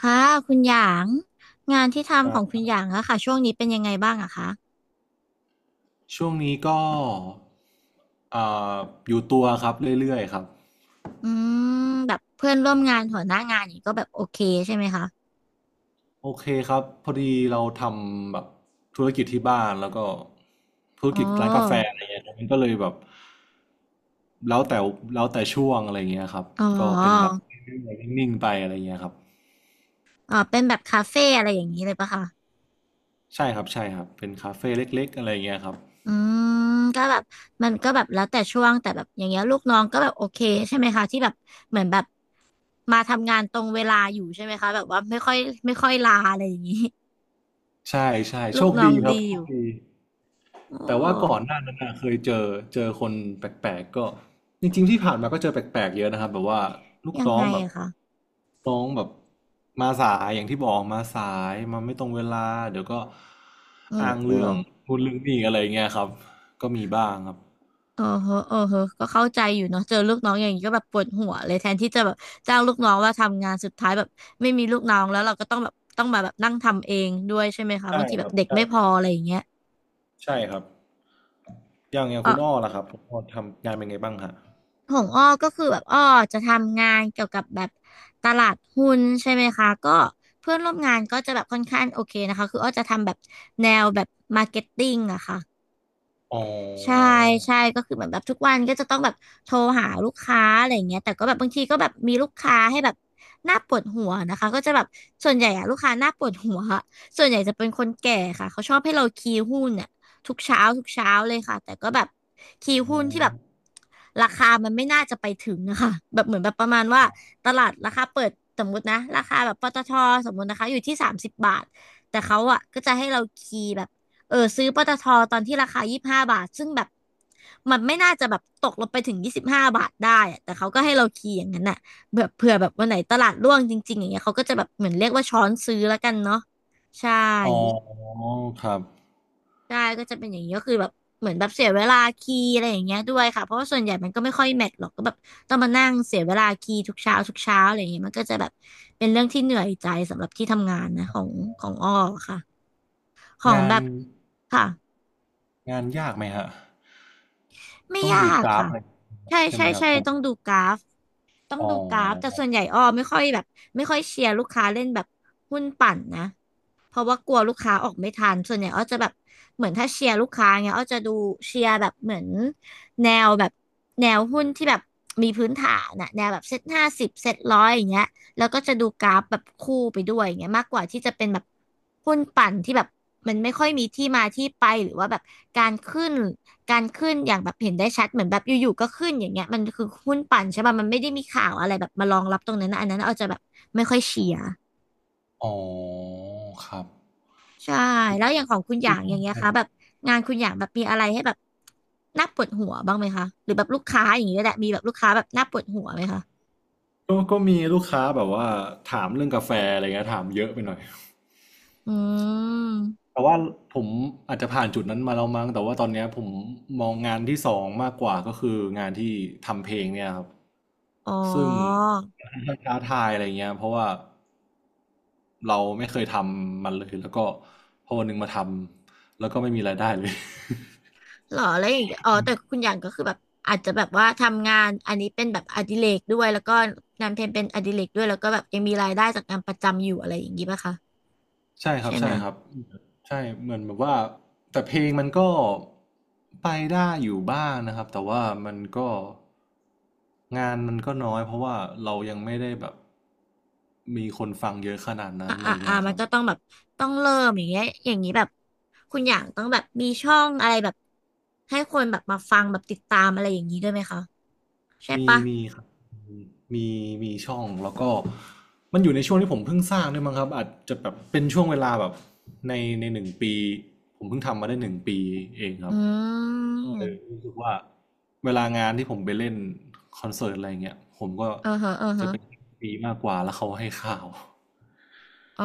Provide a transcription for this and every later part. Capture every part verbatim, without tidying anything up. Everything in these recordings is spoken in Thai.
ค่ะคุณหยางงานที่คทำรัของคุบณหยางอะค่ะช่วงนี้เป็นยังไงบ้างอะคะช่วงนี้ก็เอ่ออยู่ตัวครับเรื่อยๆครับอืมแบบเพื่อนร่วมงานหัวหน้างานอย่างนี้ก็แบบโอเคใช่ไหมคะโอเคครับพอดีเราทำแบบธุรกิจที่บ้านแล้วก็ธุรอ๋กิจร้านกาแฟออะไรเงี้ยมันก็เลยแบบแล้วแต่แล้วแต่ช่วงอะไรเงี้ยครับอ๋ก็เป็นแบบอนิ่งๆไปอะไรเงี้ยครับอ๋อเป็นแบบคาเฟ่อะไรอย่างนี้เลยปะคะใช่ครับใช่ครับเป็นคาเฟ่เล็กๆอะไรเงี้ยครับอืมก็แบบมันก็แบบแล้วแต่ช่วงแต่แบบอย่างเงี้ยลูกน้องก็แบบโอเคใช่ไหมคะที่แบบเหมือนแบบมาทำงานตรงเวลาอยู่ใช่ไหมคะแบบว่าไม่ค่อยไม่ค่อยลาอะไรอย่างนี้ ใช่ใช่ โชลูกคน้อดีงครับดีโชอคยู่ดี โอแต่ว่าก่อน้หน้านั้นน่ะเคยเจอเจอคนแปลกๆก็จริงๆที่ผ่านมาก็เจอแปลกๆเยอะนะครับแบบว่าลูกยังน้องไงแบบอะคะน้องแบบมาสายอย่างที่บอกมาสายมาไม่ตรงเวลาเดี๋ยวก็โอ้อ้างโห เรื่องนูดเรื่องนีอะไรอย่างเงี้ยครับก็มีบ้างครับเออเฮอเออเฮอก็เข้าใจอยู่เนาะเจอลูกน้องอย่างนี้ก็แบบปวดหัวเลยแทนที่จะแบบจ้างลูกน้องว่าทำงานสุดท้ายแบบไม่มีลูกน้องแล้วเราก็ต้องแบบต้องมาแบบนั่งทำเองด้วยใช่ไหมคะบาใช่งทีคแบรับบเด็กใช่ไม่พออะไรอย่างเงี้ยใช่ครับอย่างอย่างเอคุอณอ้อล่ะครับคุณอ้อทำงานเป็นไงบ้างฮะของอ้อก็คือแบบอ้อจะทำงานเกี่ยวกับแบบตลาดหุ้นใช่ไหมคะก็เพื่อนร่วมงานก็จะแบบค่อนข้างโอเคนะคะคืออ้อจะทำแบบแนวแบบมาร์เก็ตติ้งอะค่ะ อ๋ใช่อใช่ก็คือเหมือนแบบทุกวันก็จะต้องแบบโทรหาลูกค้าอะไรอย่างเงี้ยแต่ก็แบบบางทีก็แบบมีลูกค้าให้แบบน่าปวดหัวนะคะก็จะแบบส่วนใหญ่อะลูกค้าน่าปวดหัวอะส่วนใหญ่จะเป็นคนแก่ค่ะเขาชอบให้เราคีย์หุ้นเนี่ยทุกเช้าทุกเช้าเลยค่ะแต่ก็แบบคีย์อ๋อหุ้นที่แบบราคามันไม่น่าจะไปถึงนะคะแบบเหมือนแบบประมาณว่าตลาดราคาเปิดสมมตินะราคาแบบปตทสมมตินะคะอยู่ที่สามสิบบาทแต่เขาอะก็จะให้เราคีย์แบบ เออซื้อปตทตอนที่ราคายี่สิบห้าบาทซึ่งแบบมันไม่น่าจะแบบตกลงไปถึงยี่สิบห้าบาทได้อะแต่เขาก็ให้เราคีย์อย่างนั้นน่ะแบบเผื่อแบบวันไหนตลาดร่วงจริงๆอย่างเงี้ยเขาก็จะแบบเหมือนเรียกว่าช้อนซื้อแล้วกันเนาะใช่อ๋อครับใช่ก็จะเป็นอย่างนี้ก็คือแบบเหมือนแบบเสียเวลาคีย์อะไรอย่างเงี้ยด้วยค่ะเพราะว่าส่วนใหญ่มันก็ไม่ค่อยแมทหรอกก็แบบต้องมานั่งเสียเวลาคีย์ทุกเช้าทุกเช้าอะไรอย่างเงี้ยมันก็จะแบบเป็นเรื่องที่เหนื่อยใจสำหรับที่ทำงานนะของของอ้อค่ะของงาแบน บค่ะงานยากไหมฮะไม่ต้องยาดูกกราฟค่ะ อะไรใช่ใช่ไหใช่มครับใช่ผมต้องดูกราฟต้องอ๋ดูกราฟแต่อส่วนใหญ่อ้อไม่ค่อยแบบไม่ค่อยเชียร์ลูกค้าเล่นแบบหุ้นปั่นนะเพราะว่ากลัวลูกค้าออกไม่ทันส่วนใหญ่อ้อจะแบบเหมือนถ้าเชียร์ลูกค้าเงี้ยอ้อจะดูเชียร์แบบเหมือนแนวแบบแนวหุ้นที่แบบมีพื้นฐานนะแนวแบบเซ็ตห้าสิบเซ็ตร้อยอย่างเงี้ย แล้วก็จะดูกราฟแบบคู่ไปด้วยอย่างเงี้ยมากกว่าที่จะเป็นแบบหุ้นปั่นที่แบบมันไม่ค่อยมีที่มาที่ไปหรือว่าแบบการขึ้นการขึ้นอย่างแบบเห็นได้ชัดเหมือนแบบอยู่ๆก็ขึ้นอย่างเงี้ยมันคือหุ้นปั่นใช่ป่ะมันไม่ได้มีข่าวอะไรแบบมารองรับตรงนั้นนะอันนั้นเอาจจะแบบไม่ค่อยเชียร์อ๋อครับใช่แล้วอย่างของคุณอย่างกอย่างเงี้ยคะแบบงานคุณอย่างแบบมีอะไรให้แบบน่าปวดหัวบ้างไหมคะหรือแบบลูกค้าอย่างเงี้ยแหละมีแบบลูกค้าแบบน่าปวดหัวไหมคะ็ก็มีลูกค้าแบบว่าถามเรื่องกาแฟอะไรเงี้ยถามเยอะไปหน่อยอืมแต่ว่าผมอาจจะผ่านจุดนั้นมาแล้วมั้งแต่ว่าตอนเนี้ยผมมองงานที่สองมากกว่าก็คืองานที่ทำเพลงเนี่ยครับอ๋อ ซึ่งมันท้าทายอะไรเงี้ยเพราะว่าเราไม่เคยทำมันเลยแล้วก็พอวันหนึ่งมาทำแล้วก็ไม่มีรายได้เลย หรอแล้วอย่างเงี้ยอ๋อแต่คุณหยางก็คือแบบอาจจะแบบว่าทำงานอันนี้เป็นแบบอดิเรกด้วยแล้วก็งานเพลงเป็นอดิเรกด้วยแล้วก็แบบยังมีรายได้จากงานประจำอยู่อะไรอย่างงี้ป่ะคะใช่ครัใช่บไหมใช่ครับใช่เหมือนแบบว่าแต่เพลงมันก็ไปได้อยู่บ้างนะครับแต่ว่ามันก็งานมันก็น้อยเพราะว่าเรายังไม่ได้แบบมีคนฟังเยอะขนาดนั้อ่านอะไรอ่าอ่าเงี้ยคมันรับก็ต้องแบบต้องเริ่มอย่างเงี้ยอย่างนี้แบบคุณหยางต้องแบบมีช่องอะไรแบบให้คนแบบมาฟังแบบติดตามอะไรอย่างนี้ด้วยไหมคะใช่มีปะมีครับมีมีช่องแล้วก็มันอยู่ในช่วงที่ผมเพิ่งสร้างด้วยมั้งครับอาจจะแบบเป็นช่วงเวลาแบบในในหนึ่งปีผมเพิ่งทำมาได้หนึ่งปีเองคอืรับ เออมรู้สึกว่าเวลางานที่ผมไปเล่นคอนเสิร์ตอะไรเงี้ยผมก็เออฮะเออจะฮะเป็นปีมากกว่าแล้วเขาให้ข่าวอ๋อ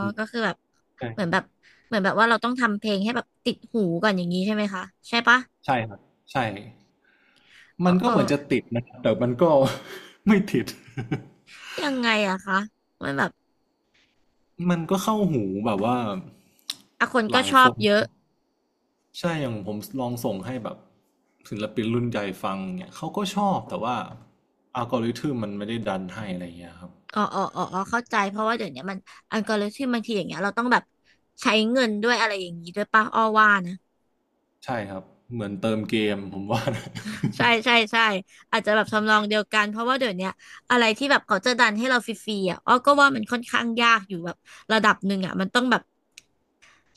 อืมก็คือแบบใช่เหมือนแบบเหมือนแบบว่าเราต้องทำเพลงให้แบบติดหูก่อนอย่างนี้ใช่ไหมคะใช่ปะใช่ครับใช่เอมัอนก็เออ เหมือนจะติดนะครับแต่มันก็ ไม่ติด ยังไงอะคะมันแบบ มันก็เข้าหูแบบว่าอ่ะคนหก็ลายชอคบนเยอะใช่อย่างผมลองส่งให้แบบศิลปินรุ่นใหญ่ฟังเนี่ยเขาก็ชอบแต่ว่าอัลกอริทึมมันไม่ได้ดันให้อะไรเงี้ยครับอ๋ออ๋ออ๋ออ๋อเข้าใจเพราะว่าเดี๋ยวนี้มันอัลกอริทึมบางทีอย่างเงี้ยเราต้องแบบใช้เงินด้วยอะไรอย่างนี้ด้วยป่ะอ้อว่านะ ใช่ครับเหมือนเติมเกมผมว่านะ ใช่ใช่ใช่อาจจะแบบทำนองเดียวกันเพราะว่าเดี๋ยวนี้อะไรที่แบบเขาจะดันให้เราฟรีๆอะอ้อก็ว่ามันค่อนข้างยากอยู่แบบระดับหนึ่งอะมันต้องแบบ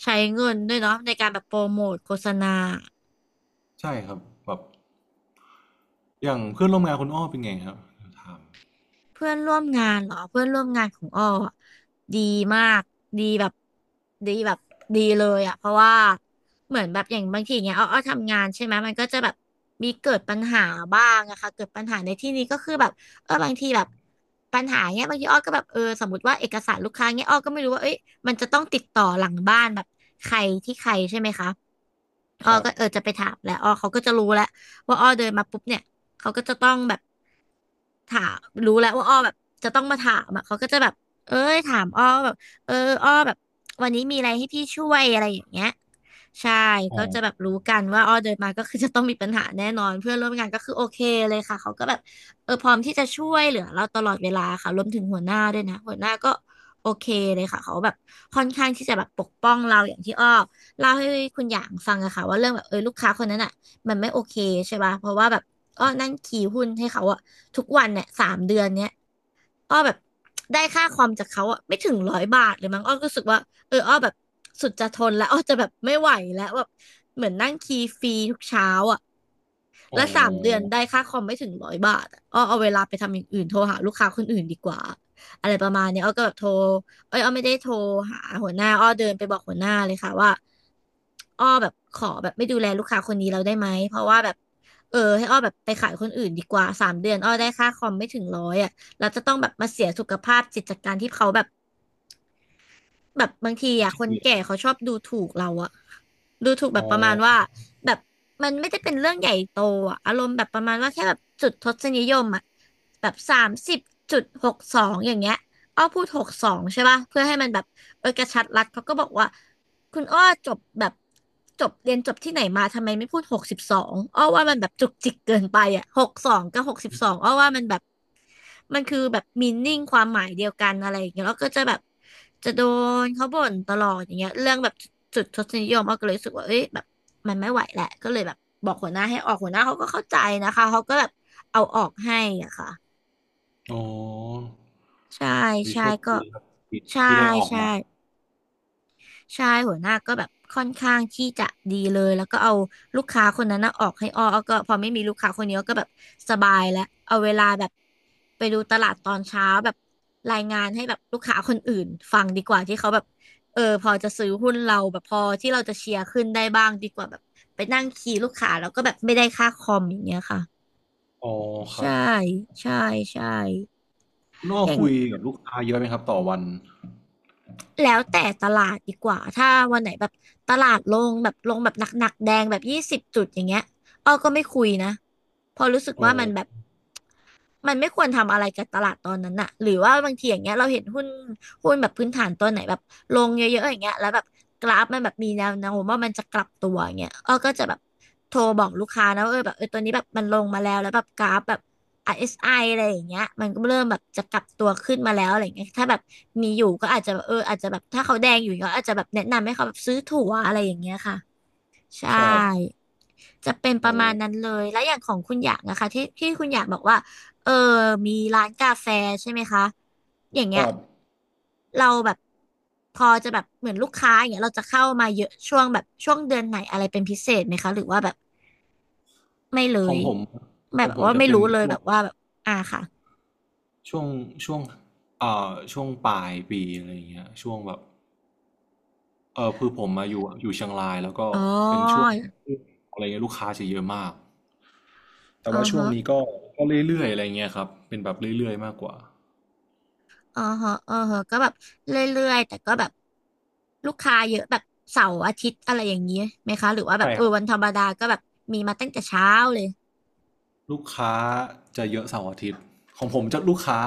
ใช้เงินด้วยเนาะในการแบบโปรโมทโฆษณา ใช่ครับแบบอย่างเพื่อนร่วมงานคุณอ้อเป็นไงครับถามเพื่อนร่วมงานเหรอเพื่อนร่วมงานของอ้ออะดีมากดีแบบดีแบบดีเลยอ่ะเพราะว่าเหมือนแบบอย่างบางทีเนี้ยอ้ออ้อทำงานใช่ไหมมันก็จะแบบมีเกิดปัญหาบ้างอะค่ะเกิดปัญหาในที่นี้ก็คือแบบเออบางทีแบบปัญหาเนี้ยบางทีอ้อก็แบบเออสมมติว่าเอกสารลูกค้าเนี้ยอ้อก็ไม่รู้ว่าเอ้ยมันจะต้องติดต่อหลังบ้านแบบใครที่ใครใช่ไหมคะอ้อครับก็เออจะไปถามแหล้วอ้อเขาก็จะรู้แล้วว่าอ้อเดินมาปุ๊บเนี่ยเขาก็จะต้องแบบ ถามรู้แล้วว่าอ้อแบบจะต้องมาถามอ่ะเขาก็จะแบบเอ้ยถามอ้อแบบเอออ้อแบบวันนี้มีอะไรให้พี่ช่วยอะไรอย่างเงี้ยใช่อ๋ก็อจะแบบรู้กันว่าอ้อเดินมาก็คือจะต้องมีปัญหาแน่นอนเพื่อนร่วมงานก็คือโอเคเลยค่ะเขาก็แบบเออพร้อมที่จะช่วยเหลือเราตลอดเวลาค่ะรวมถึงหัวหน้าด้วยนะหัวหน้าก็โอเคเลยค่ะเขาแบบค่อนข้างที่จะแบบปกป้องเราอย่างที่อ้อเล่าให้คุณหยางฟังอะค่ะว่าเรื่องแบบเออลูกค้าคนนั้นอะมันไม่โอเคใช่ป่ะเพราะว่าแบบอ้อนั่งขี่หุ้นให้เขาอะ ทุกวันเนี่ยสามเดือนเนี้ยอ้อแบบได้ค่าคอมจากเขาอะไม่ถึงร้อยบาทเลยมั้งอ้อก็รู้สึกว่าเอออ้อแบบสุดจะทนแล้วอ้อจะแบบไม่ไหวแล้วแบบเหมือนนั่งคีย์ฟรีทุกเช้าอะ อ๋อและสามเดือนได้ค่าคอมไม่ถึงร้อยบาทอะอ้อเอาเวลาไปทำอย่างอื่นโทรหาลูกค้าคนอื่นดีกว่าอะไรประมาณเนี้ยอ้อก็แบบโทรเอ้ยอ้อไม่ได้โทรหาหัวหน้าอ้อเดินไปบอกหัวหน้าเลยค่ะว่าอ้อแบบขอแบบไม่ดูแลลูกค้าคนนี้เราได้ไหมเพราะว่าแบบเออให้อ้อแบบไปขายคนอื่นดีกว่าสามเดือนอ้อได้ค่าคอมไม่ถึงร้อยอ่ะเราจะต้องแบบมาเสียสุขภาพจิตจากการที่เขาแบบ แบบบางทีอ่ะที่คนเดียแก่วเขาชอบดูถูกเราอะดูถูกแบอ๋อบประมาณว่าแบบมันไม่ได้เป็นเรื่องใหญ่โตอะอารมณ์แบบประมาณว่าแค่แบบจุดทศนิยมอะแบบสามสิบจุดหกสองอย่างเงี้ยอ้อพูดหกสองใช่ป่ะเพื่อให้มันแบบเออกระชัดรัดเขาก็บอกว่าคุณอ้อจบแบบจบเรียนจบที่ไหนมาทำไมไม่พูดหกสิบสองอ้อว่ามันแบบจุกจิกเกินไปอะหกสองกับหกสิบสองอ้อว่ามันแบบ มันคือแบบมีนิ่งความหมายเดียวกันอะไรอย่างเงี้ยแล้วก็จะแบบจะโดนเขาบ่นตลอดอย่างเงี้ยเรื่องแบบจุดทศนิยมอ้อก็เลยรู้สึกว่าเอ้ยแบบมันไม่ไหวแหละก็เลยแบบบอกหัวหน้าให้ออกหัวหน้าเขาก็เข้าใจนะคะเขาก็แบบเอาออกให้อ่ะค่ะอ๋อใช่วิใช่โชคก็ดีครับที่ใช่ที่ได้ออกใช่มาใช่หัวหน้าก็แบบค่อนข้างที่จะดีเลยแล้วก็เอาลูกค้าคนนั้นน่ะออกให้อ้ออ้อก็พอไม่มีลูกค้าคนนี้อ้อก็แบบสบายแล้วเอาเวลาแบบ ไปดูตลาดตอนเช้าแบบรายงานให้แบบลูกค้าคนอื่นฟังดีกว่าที่เขาแบบเออพอจะซื้อหุ้นเราแบบพอที่เราจะเชียร์ขึ้นได้บ้างดีกว่าแบบไปนั่งคีย์ลูกค้าแล้วก็แบบไม่ได้ค่าคอมอย่างเงี้ยค่ะอ๋อครัใช่บใช่ใช่คุณอ้ออย่างคุยกับลูกค้าเยอะไหมครับต่อวันแล้วแต่ตลาดดีกว่าถ้าวันไหนแบบตลาดลงแบบลงแบบหนักๆแดงแบบยี่สิบจุดอย่างเงี้ยอ้อก็ไม่คุยนะเพอราะรู้สึกอ๋อว่ามันแบบ มันไม่ควรทำอะไรกับตลาดตอนนั้นน่ะหรือว่าบางทีอย่างเงี้ยเราเห็นหุ้นหุ้นแบบพื้นฐานตัวไหนแบบลงเยอะๆอย่างเงี้ยแล้วแบบกราฟมันแบบมีแนวโน้มว่ามันจะกลับตัวอย่างเงี้ยอ้อก็จะแบบโทรบอกลูกค้านะว่าเออแบบเออตัวนี้แบบมันลงมาแล้วแล้วแบบกราฟแบบ อาร์ เอส ไอ อสไออะไรอย่างเงี้ยมันก็เริ่มแบบจะกลับตัวขึ้นมาแล้วอะไรอย่างเงี้ยถ้าแบบมีอยู่ก็อาจจะแบบเอออาจจะแบบถ้าเขาแดงอยู่ก็อาจจะแบบแนะนำให้เขาแบบซื้อถั่วอะไรอย่างเงี้ยค่ะใช่ ครับจะเป็นปอ๋ระอมาณนั้นเลยแล้วอย่างของคุณอยากนะคะที่ที่คุณอยากบอกว่าเออมีร้านกาแฟใช่ไหมคะอย่างคเงี้ยรับเราแบบพอจะแบบเหมือนลูกค้าอย่างเงี้ยเราจะเข้ามาเยอะช่วงแบบช่วงเดือนไหนอะไรเป็นพิเศษไหมคะหรือว่าแบบไม่เลขอยงผมแบขบองผมว่าจะไม่เป็นรู้เลพยแบวกบว่าแบบอ่าค่ะช่วงช่วงเอ่อช่วงปลายปีอะไรอย่างเงี้ยช่วงแบบเออคือผมมาอยู่อยู่เชียงรายแล้วก็อ๋ออะไรเงี้ยลูกค้าจะเยอะมาก แต่อ๋อว่าช่วงฮะ นี้ก็ก็เรื่อยๆอะไรเงี้ยครับเป็นแบบเรื่อยๆมากกว่าอ๋อฮะอ๋อฮะก็แบบเรื่อยๆแต่ก็แบบลูกค้าเยอะแบบเสาร์อาทิตย์อะไรอย่างนี้ไหมคะหรือว่าแบบใช่เอคอรับวันธรรมดาก็แบบมีมาตั้งแต่เช้าเลยลูกค้าจะเยอะเสาร์อาทิตย์ของผมจะลูกค้า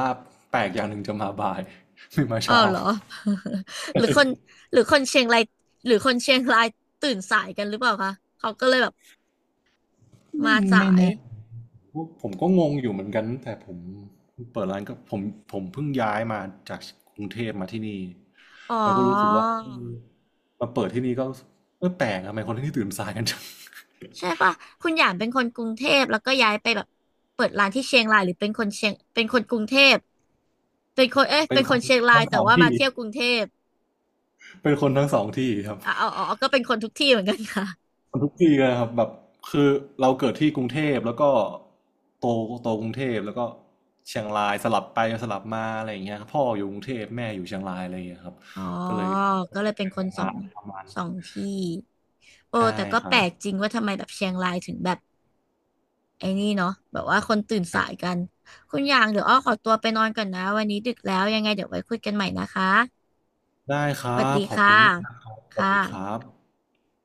แปลกอย่างหนึ่งจะมาบ่าย ไม่มาอ้าเช้า ว เหรอ หรือคนหรือคนเชียงรายหรือคนเชียงรายตื่นสายกันหรือเปล่าคะเขาก็เลยแบบไม่มาสาไม่ยแน่ผมก็งงอยู่เหมือนกันแต่ผมเปิดร้านก็ผมผมเพิ่งย้ายมาจากกรุงเทพมาที่นี่อ๋อแล้วก็รู้สึกว่าเออมาเปิดที่นี่ก็รู้สึกเออแปลกทำไมคนที่นี่ตื่นสายกันจัง ใช่ปะคุณหยางเป็นคนกรุงเทพแล้วก็ย้ายไปแบบเปิดร้านที่เชียงรายหรือเป็นคนเชียงเป็นคนกรุงเทพเป็นคนเอ๊ะ เป็เป็นนคคนนเชียงราทั้ยงสแต่องว่ามาที่เที่ยวกรุงเทพ เป็นคนทั้งสองที่ครับ อ๋ออ๋อก็เป็นคนทุกที่เหมือนกันค่ะ ทุกปีเลยครับแบบคือเราเกิดที่กรุงเทพแล้วก็โตโตกรุงเทพแล้วก็เชียงรายสลับไปสลับมาอะไรอย่างเงี้ยครับพ่ออยู่กรุงเทพแม่อยู่เชียงรายอะไรอย่างเงี้ยครับอ๋อ ก็เลยก็เลยเป็นคนสอมางประมาณสองที่ โอ้ใช่แต่ก็คแปรัลบกจริงว่าทำไมแบบเชียงรายถึงแบบไอ้นี่เนาะแบบว่าคนตื่นสายกัน คุณอย่างเดี๋ยวอ้อขอตัวไปนอนก่อนนะวันนี้ดึกแล้วยังไงเดี๋ยวไว้คุยกันใหม่นะคะได้ครัสวัสดีบขอบค่ะ คุณมากนะครับคสวัสดีครั่ะบ